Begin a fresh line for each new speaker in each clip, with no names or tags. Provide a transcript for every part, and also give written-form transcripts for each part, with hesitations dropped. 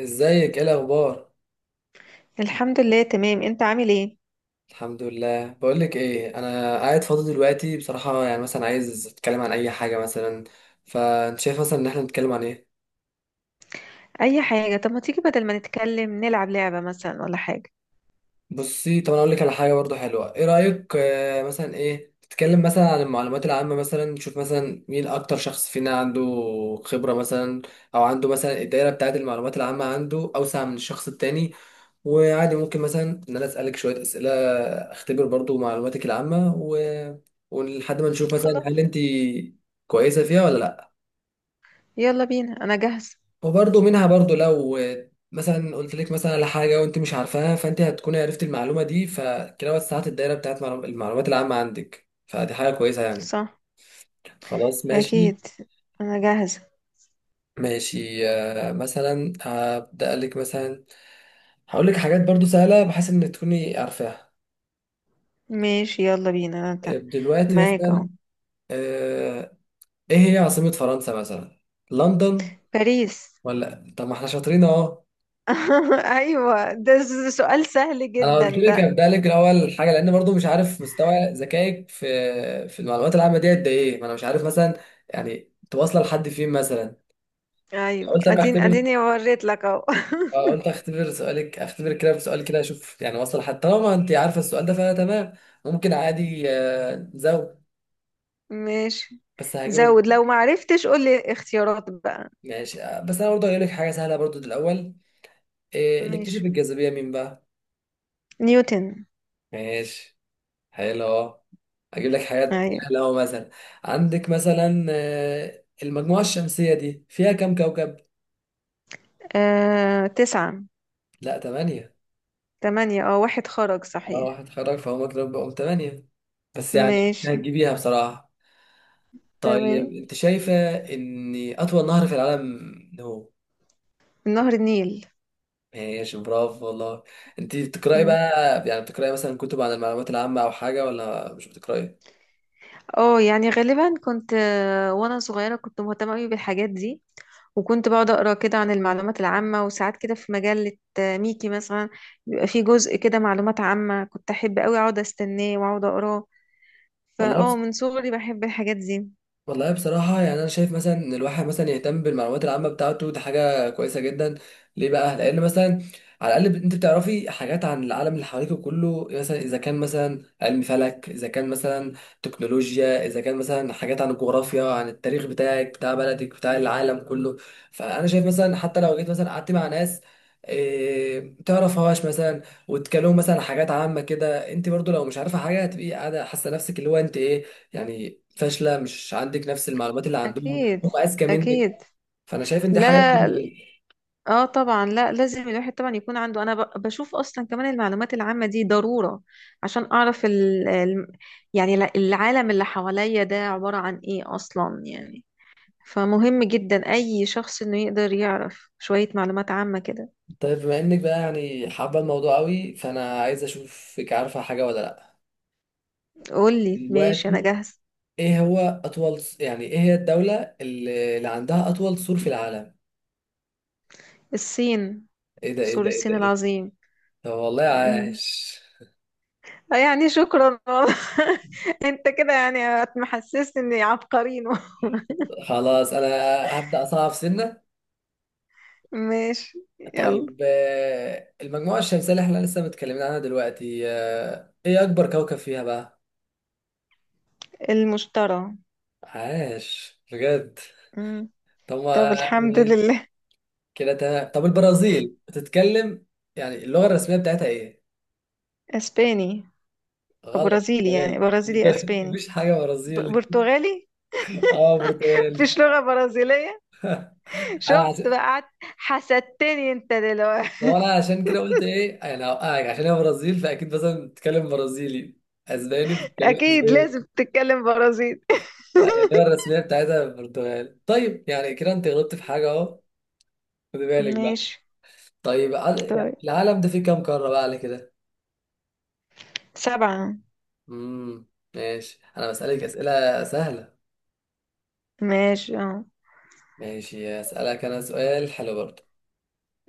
ازيك؟ ايه الاخبار؟
الحمد لله، تمام. انت عامل ايه؟
الحمد لله. بقولك ايه، انا قاعد فاضي دلوقتي بصراحه، يعني مثلا عايز اتكلم عن اي حاجه مثلا، فانت شايف مثلا ان احنا نتكلم عن ايه؟
اي حاجه. طب ما تيجي بدل ما نتكلم نلعب لعبه مثلا ولا حاجه؟
بصي، طب انا اقول لك على حاجه برضو حلوه، ايه رايك؟ مثلا ايه، نتكلم مثلا عن المعلومات العامه، مثلا نشوف مثلا مين اكتر شخص فينا عنده خبره مثلا، او عنده مثلا الدايره بتاعه المعلومات العامه عنده اوسع من الشخص التاني. وعادي ممكن مثلا ان انا اسالك شويه اسئله، اختبر برضو معلوماتك العامه و... ولحد ما نشوف مثلا
خلاص،
هل انت كويسه فيها ولا لا.
يلا بينا، انا جاهزه.
وبرضو منها برضو، لو مثلا قلت لك مثلا على حاجه وانت مش عارفاها، فانت هتكون عرفت المعلومه دي، فكده وسعت الدايره بتاعت المعلومات العامه عندك، فدي حاجه كويسه يعني.
صح.
خلاص ماشي.
اكيد. انا جاهزه.
ماشي، مثلا هبدا لك مثلا، هقول لك حاجات برضو سهله بحيث ان تكوني عارفاها.
ماشي، يلا بينا،
دلوقتي
معاك
مثلا،
اهو.
آه، ايه هي عاصمة فرنسا مثلا؟ لندن؟
باريس.
ولا طب، ما احنا شاطرين اهو.
ايوه، ده سؤال سهل
انا
جدا
قلت لك
ده.
ابدا لك الاول حاجه، لان برضو مش عارف مستوى ذكائك في المعلومات العامه دي قد ايه، ما انا مش عارف مثلا يعني تواصل لحد فين مثلا.
ايوه،
قلت اما اختبر،
اديني وريت لك اهو.
قلت اختبر سؤالك، اختبر كده بسؤال كده اشوف يعني واصل لحد، طالما انت عارفه السؤال ده فانا تمام، ممكن عادي نزود.
ماشي.
بس هجيب
زود.
لك.
لو ما عرفتش قول لي اختيارات بقى.
ماشي، بس انا برضو هجيب لك حاجه سهله برضو دي الاول. إيه اللي اكتشف
ماشي.
الجاذبيه؟ مين بقى؟
نيوتن.
ماشي، حلو. اجيب لك حاجات
ايوه،
سهله أهو مثلا. عندك مثلا المجموعه الشمسيه دي فيها كام كوكب؟
تسعة.
لا، ثمانية.
تمانية. اه واحد خرج
اه
صحيح.
هتخرج فهم كده، بقوا ثمانية، بس يعني إنت
ماشي.
هتجيبيها بصراحه. طيب
تمام.
انت شايفه ان اطول نهر في العالم هو؟
نهر النيل.
ماشي، برافو والله. انت بتقراي بقى
مم.
يعني؟ بتقراي مثلا كتب عن المعلومات العامه او حاجه، ولا مش بتقراي؟
اه يعني غالبا كنت وانا صغيرة كنت مهتمة قوي بالحاجات دي. وكنت بقعد اقرا كده عن المعلومات العامة، وساعات كده في مجلة ميكي مثلا. بيبقى فيه جزء كده معلومات عامة، كنت احب قوي اقعد استناه واقعد اقراه.
والله
فاه من صغري بحب الحاجات دي.
والله، بصراحة يعني أنا شايف مثلا إن الواحد مثلا يهتم بالمعلومات العامة بتاعته، دي حاجة كويسة جدا. ليه بقى؟ لأن مثلا على الأقل أنت بتعرفي حاجات عن العالم اللي حواليك كله، مثلا إذا كان مثلا علم فلك، إذا كان مثلا تكنولوجيا، إذا كان مثلا حاجات عن الجغرافيا، عن التاريخ بتاعك، بتاع بلدك، بتاع العالم كله. فأنا شايف مثلا حتى لو جيت مثلا قعدت مع ناس إيه تعرفهاش مثلا، وتكلموا مثلا عن حاجات عامة كده، انت برضو لو مش عارفة حاجة هتبقي قاعدة حاسة نفسك اللي هو انت ايه يعني، فاشله، مش عندك نفس المعلومات اللي عندهم،
اكيد.
هم اذكى منك.
اكيد.
فانا شايف ان دي حاجه
لا.
مهمه
لا.
جدا.
اه، طبعا. لا، لازم الواحد طبعا يكون عنده. انا بشوف اصلا كمان المعلومات العامة دي ضرورة، عشان اعرف يعني العالم اللي حواليا ده عبارة عن ايه اصلا، يعني. فمهم جدا اي شخص انه يقدر يعرف شوية معلومات عامة كده.
طيب بما انك بقى يعني حابه الموضوع قوي، فانا عايز اشوفك عارفه حاجه ولا لا.
قولي، ماشي، انا
دلوقتي
جاهز.
ايه هو اطول، يعني ايه هي الدوله اللي عندها اطول سور في العالم؟
الصين.
ايه ده ايه
سور
ده ايه ده
الصين
ايه ده؟
العظيم.
طب والله
أمم.
عاش.
يعني شكرا والله. انت كده يعني هتحسسني اني عبقرين.
خلاص انا هبدا اصعب سنه.
ماشي. يلا.
طيب، المجموعه الشمسيه اللي احنا لسه متكلمين عنها دلوقتي، ايه اكبر كوكب فيها بقى؟
المشترى.
عاش بجد.
مم.
طب
طب،
ما
الحمد
ماشي
لله.
كده تمام. طب البرازيل بتتكلم يعني اللغة الرسمية بتاعتها ايه؟
اسباني. او
غلط،
برازيلي، يعني
برتغالي،
برازيلي
برتغالي.
اسباني.
مفيش حاجة برازيلي.
برتغالي.
اه برتغالي.
مفيش لغة برازيلية.
انا
شفت
عشان،
بقى، قعدت حسدتني انت
ما
دلوقتي.
هو انا عشان كده قلت ايه، انا هوقعك، عشان هي برازيل فاكيد مثلا بتتكلم برازيلي، اسباني بتتكلم
اكيد لازم
اسباني.
تتكلم برازيلي.
لا، يعني اللغة الرسمية بتاعتها برتغالي. طيب يعني كده انت غلطت في حاجة اهو، خد بالك بقى.
ماشي.
طيب يعني
طيب.
العالم ده فيه كام قارة بقى على كده؟
سبعة.
امم، ماشي. انا بسألك أسئلة سهلة.
ماشي، اه.
ماشي، اسالك انا سؤال حلو برضه.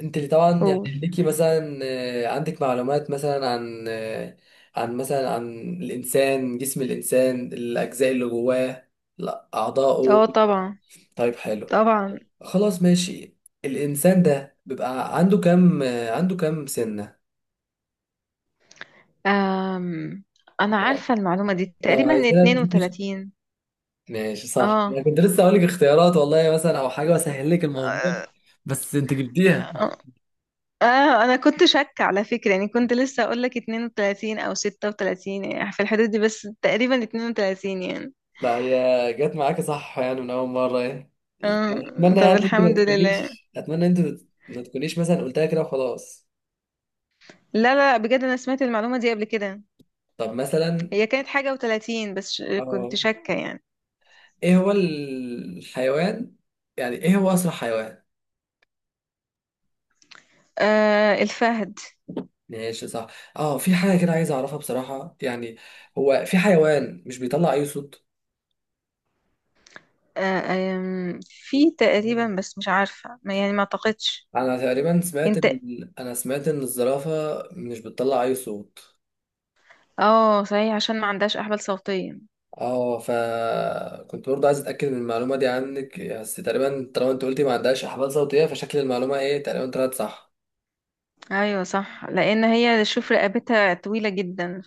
انت اللي طبعا يعني
قول.
ليكي مثلا، عندك معلومات مثلا عن عن مثلا عن الانسان، جسم الانسان، الاجزاء اللي جواه، لا اعضائه.
اه، طبعا.
طيب حلو،
طبعا.
خلاص ماشي. الانسان ده بيبقى عنده كام عنده كام سنة؟
أم. انا عارفة المعلومة دي
لو
تقريبا
عايزنا تديني
32.
ماشي صح،
اه.
انا كنت لسه هقول لك اختيارات والله مثلا او حاجه اسهل لك الموضوع،
آه،
بس انت جبتيها.
آه، اه، انا كنت شاكة على فكرة. يعني كنت لسه اقول لك 32 او 36، يعني في الحدود دي، بس تقريبا 32 يعني.
لا هي جت معاك صح يعني من اول مره يعني.
اه،
اتمنى
طب
يعني انت
الحمد
ما
لله.
تكونيش، اتمنى انت ما تكونيش مثلا قلتها كده وخلاص.
لا لا، بجد انا سمعت المعلومة دي قبل كده.
طب مثلا
هي كانت حاجة و30، بس كنت
اه،
شاكة يعني.
ايه هو الحيوان، يعني ايه هو اسرع حيوان؟
الفهد.
ماشي صح. اه في حاجه كده عايز اعرفها بصراحه يعني، هو في حيوان مش بيطلع اي صوت؟
آه. في تقريبا، بس مش عارفة، ما يعني ما اعتقدش.
انا تقريبا سمعت
انت.
انا سمعت ان الزرافه مش بتطلع اي صوت.
اه، صحيح، عشان ما عندهاش احبال صوتية.
اه فكنت برضه عايز اتاكد من المعلومه دي عنك، بس تقريبا طالما انت قلتي ما عندهاش احبال صوتيه، فشكل المعلومه ايه تقريبا طلعت صح.
ايوه، صح، لان هي شوف رقبتها طويلة جدا.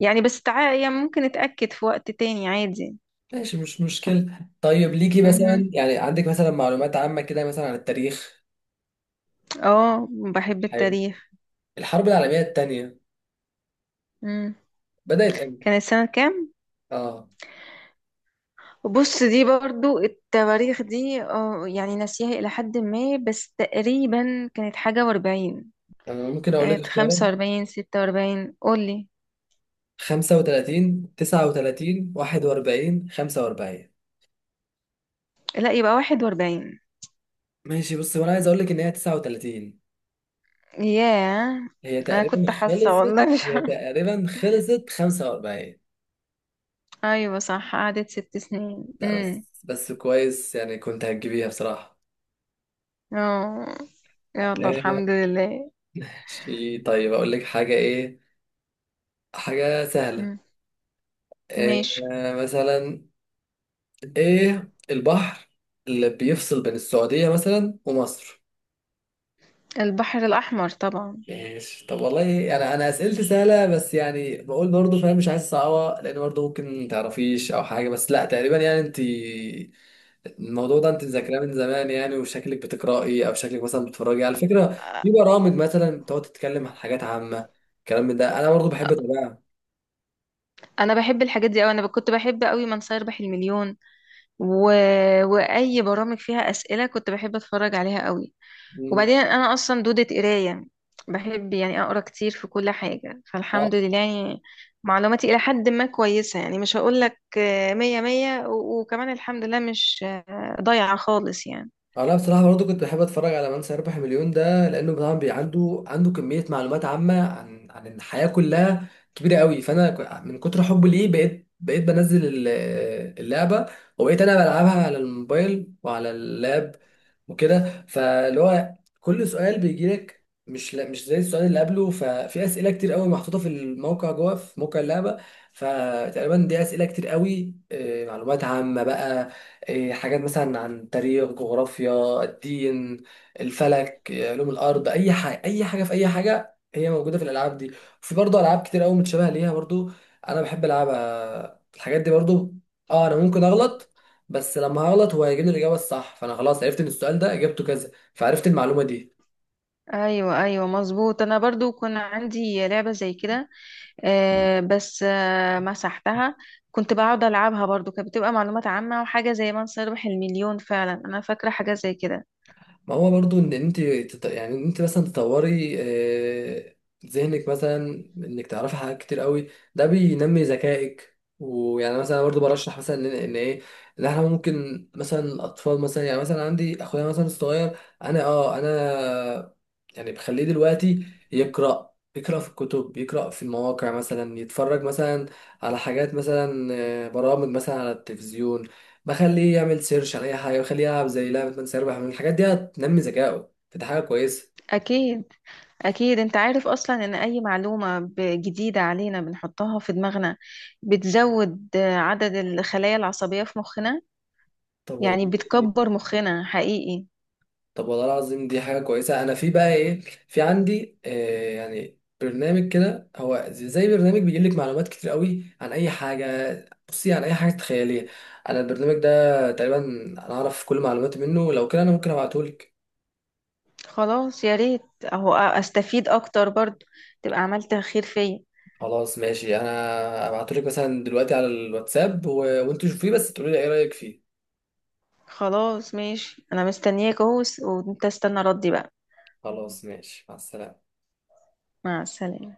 يعني بس يعني ممكن اتأكد في وقت تاني عادي.
ماشي مش مشكله. طيب ليكي
مهم.
مثلا يعني عندك مثلا معلومات عامه كده مثلا عن التاريخ؟
اه، بحب
حلو.
التاريخ.
الحرب العالميه الثانيه
مم.
بدات امتى؟
كان السنة كام؟
اه
بص، دي برضو التواريخ دي، يعني ناسيها إلى حد ما، بس تقريبا كانت حاجة وأربعين.
انا ممكن اقول لك
كانت
اختيارات.
45، 46، قولي.
35، 39، 41، 45.
لا، يبقى 41.
ماشي بص، وانا عايز اقول لك ان هي 39.
ياه.
هي
أنا
تقريبا
كنت حاسة
خلصت،
والله. مش
هي
عارفة.
تقريبا خلصت 45.
أيوة صح، قعدت 6 سنين
لا بس،
.
بس كويس يعني، كنت هتجيبيها بصراحة.
اه. يلا
ماشي،
الحمد لله.
طيب أقول لك حاجة إيه، حاجة سهلة.
مم.
إيه
ماشي.
مثلا، إيه البحر اللي بيفصل بين السعودية مثلا ومصر؟
البحر الأحمر طبعا.
ماشي. طب والله أنا أسئلتي سهلة، بس يعني بقول برضه، فاهم مش عايز صعبة، لأن برضه ممكن متعرفيش أو حاجة، بس لا تقريبا يعني أنت الموضوع ده انت ذاكراه من زمان يعني، وشكلك بتقرأي، او شكلك مثلا بتتفرجي، على فكرة في برامج مثلا بتقعد تتكلم عن حاجات عامة الكلام من ده، انا برضو بحب اتابعها.
انا بحب الحاجات دي قوي. انا كنت بحب قوي من سيربح المليون و... واي برامج فيها اسئله كنت بحب اتفرج عليها قوي.
مم.
وبعدين انا اصلا دوده قرايه، بحب يعني اقرا كتير في كل حاجه،
آه.
فالحمد لله يعني. معلوماتي الى حد ما كويسه، يعني مش هقول لك مية مية، وكمان الحمد لله مش ضايعه خالص يعني.
انا بصراحه برضو كنت بحب اتفرج على من سيربح مليون ده، لانه طبعا عنده كميه معلومات عامه عن الحياه كلها كبيره قوي. فانا من كتر حبي ليه بقيت بنزل اللعبه، وبقيت انا بلعبها على الموبايل وعلى اللاب وكده. فاللي هو كل سؤال بيجي لك مش زي السؤال اللي قبله، ففي اسئله كتير قوي محطوطه في الموقع جوه، في موقع اللعبه. فتقريبا دي اسئله كتير قوي، معلومات عامه بقى، إيه، حاجات مثلا عن تاريخ، جغرافيا، الدين، الفلك، إيه، علوم الارض، اي حاجه اي حاجه في اي حاجه هي موجوده في الالعاب دي. وفي برضه العاب كتير قوي متشابهه ليها برضه، انا بحب العبها الحاجات دي برضه. اه انا ممكن اغلط، بس لما هغلط هو هيجيب لي الاجابه الصح، فانا خلاص عرفت ان السؤال ده اجابته كذا، فعرفت المعلومه دي.
ايوه ايوه مظبوط، انا برضو كان عندي لعبه زي كده بس مسحتها. كنت بقعد ألعبها برضو، كانت بتبقى معلومات عامة وحاجة زي من سيربح المليون. فعلا أنا فاكرة حاجة زي كده.
ما هو برضو ان انت يعني ان انت مثلا تطوري ذهنك مثلا، انك تعرفي حاجات كتير قوي، ده بينمي ذكائك. ويعني مثلا برضو برشح مثلا ان إن ايه، ان احنا ممكن مثلا الاطفال مثلا، يعني مثلا عندي اخويا مثلا الصغير، انا اه انا يعني بخليه دلوقتي يقرا، يقرا في الكتب، يقرا في المواقع، مثلا يتفرج مثلا على حاجات مثلا، برامج مثلا على التلفزيون، بخليه يعمل سيرش على اي حاجه، بخليه يلعب زي لعبه من سيربح، من الحاجات دي هتنمي ذكائه، فدي حاجه كويسه.
أكيد. أكيد. أنت عارف أصلا إن أي معلومة جديدة علينا بنحطها في دماغنا، بتزود عدد الخلايا العصبية في مخنا،
طب
يعني
والله،
بتكبر مخنا حقيقي.
طب والله العظيم دي حاجه كويسه. انا في بقى ايه، في عندي آه يعني برنامج كده، هو زي برنامج بيجيب لك معلومات كتير قوي عن اي حاجه. بصي، عن اي حاجه تخيليها انا البرنامج ده تقريبا انا اعرف كل معلوماتي منه. لو كده انا ممكن ابعته لك.
خلاص، يا ريت. أهو أستفيد أكتر برضو، تبقى عملت خير فيا.
خلاص ماشي، انا ابعته لك مثلا دلوقتي على الواتساب و... وانتوا شوفيه، بس تقولي لي ايه رايك فيه.
خلاص ماشي، أنا مستنياك أهو، وأنت استنى ردي بقى.
خلاص ماشي، مع السلامه.
مع السلامة.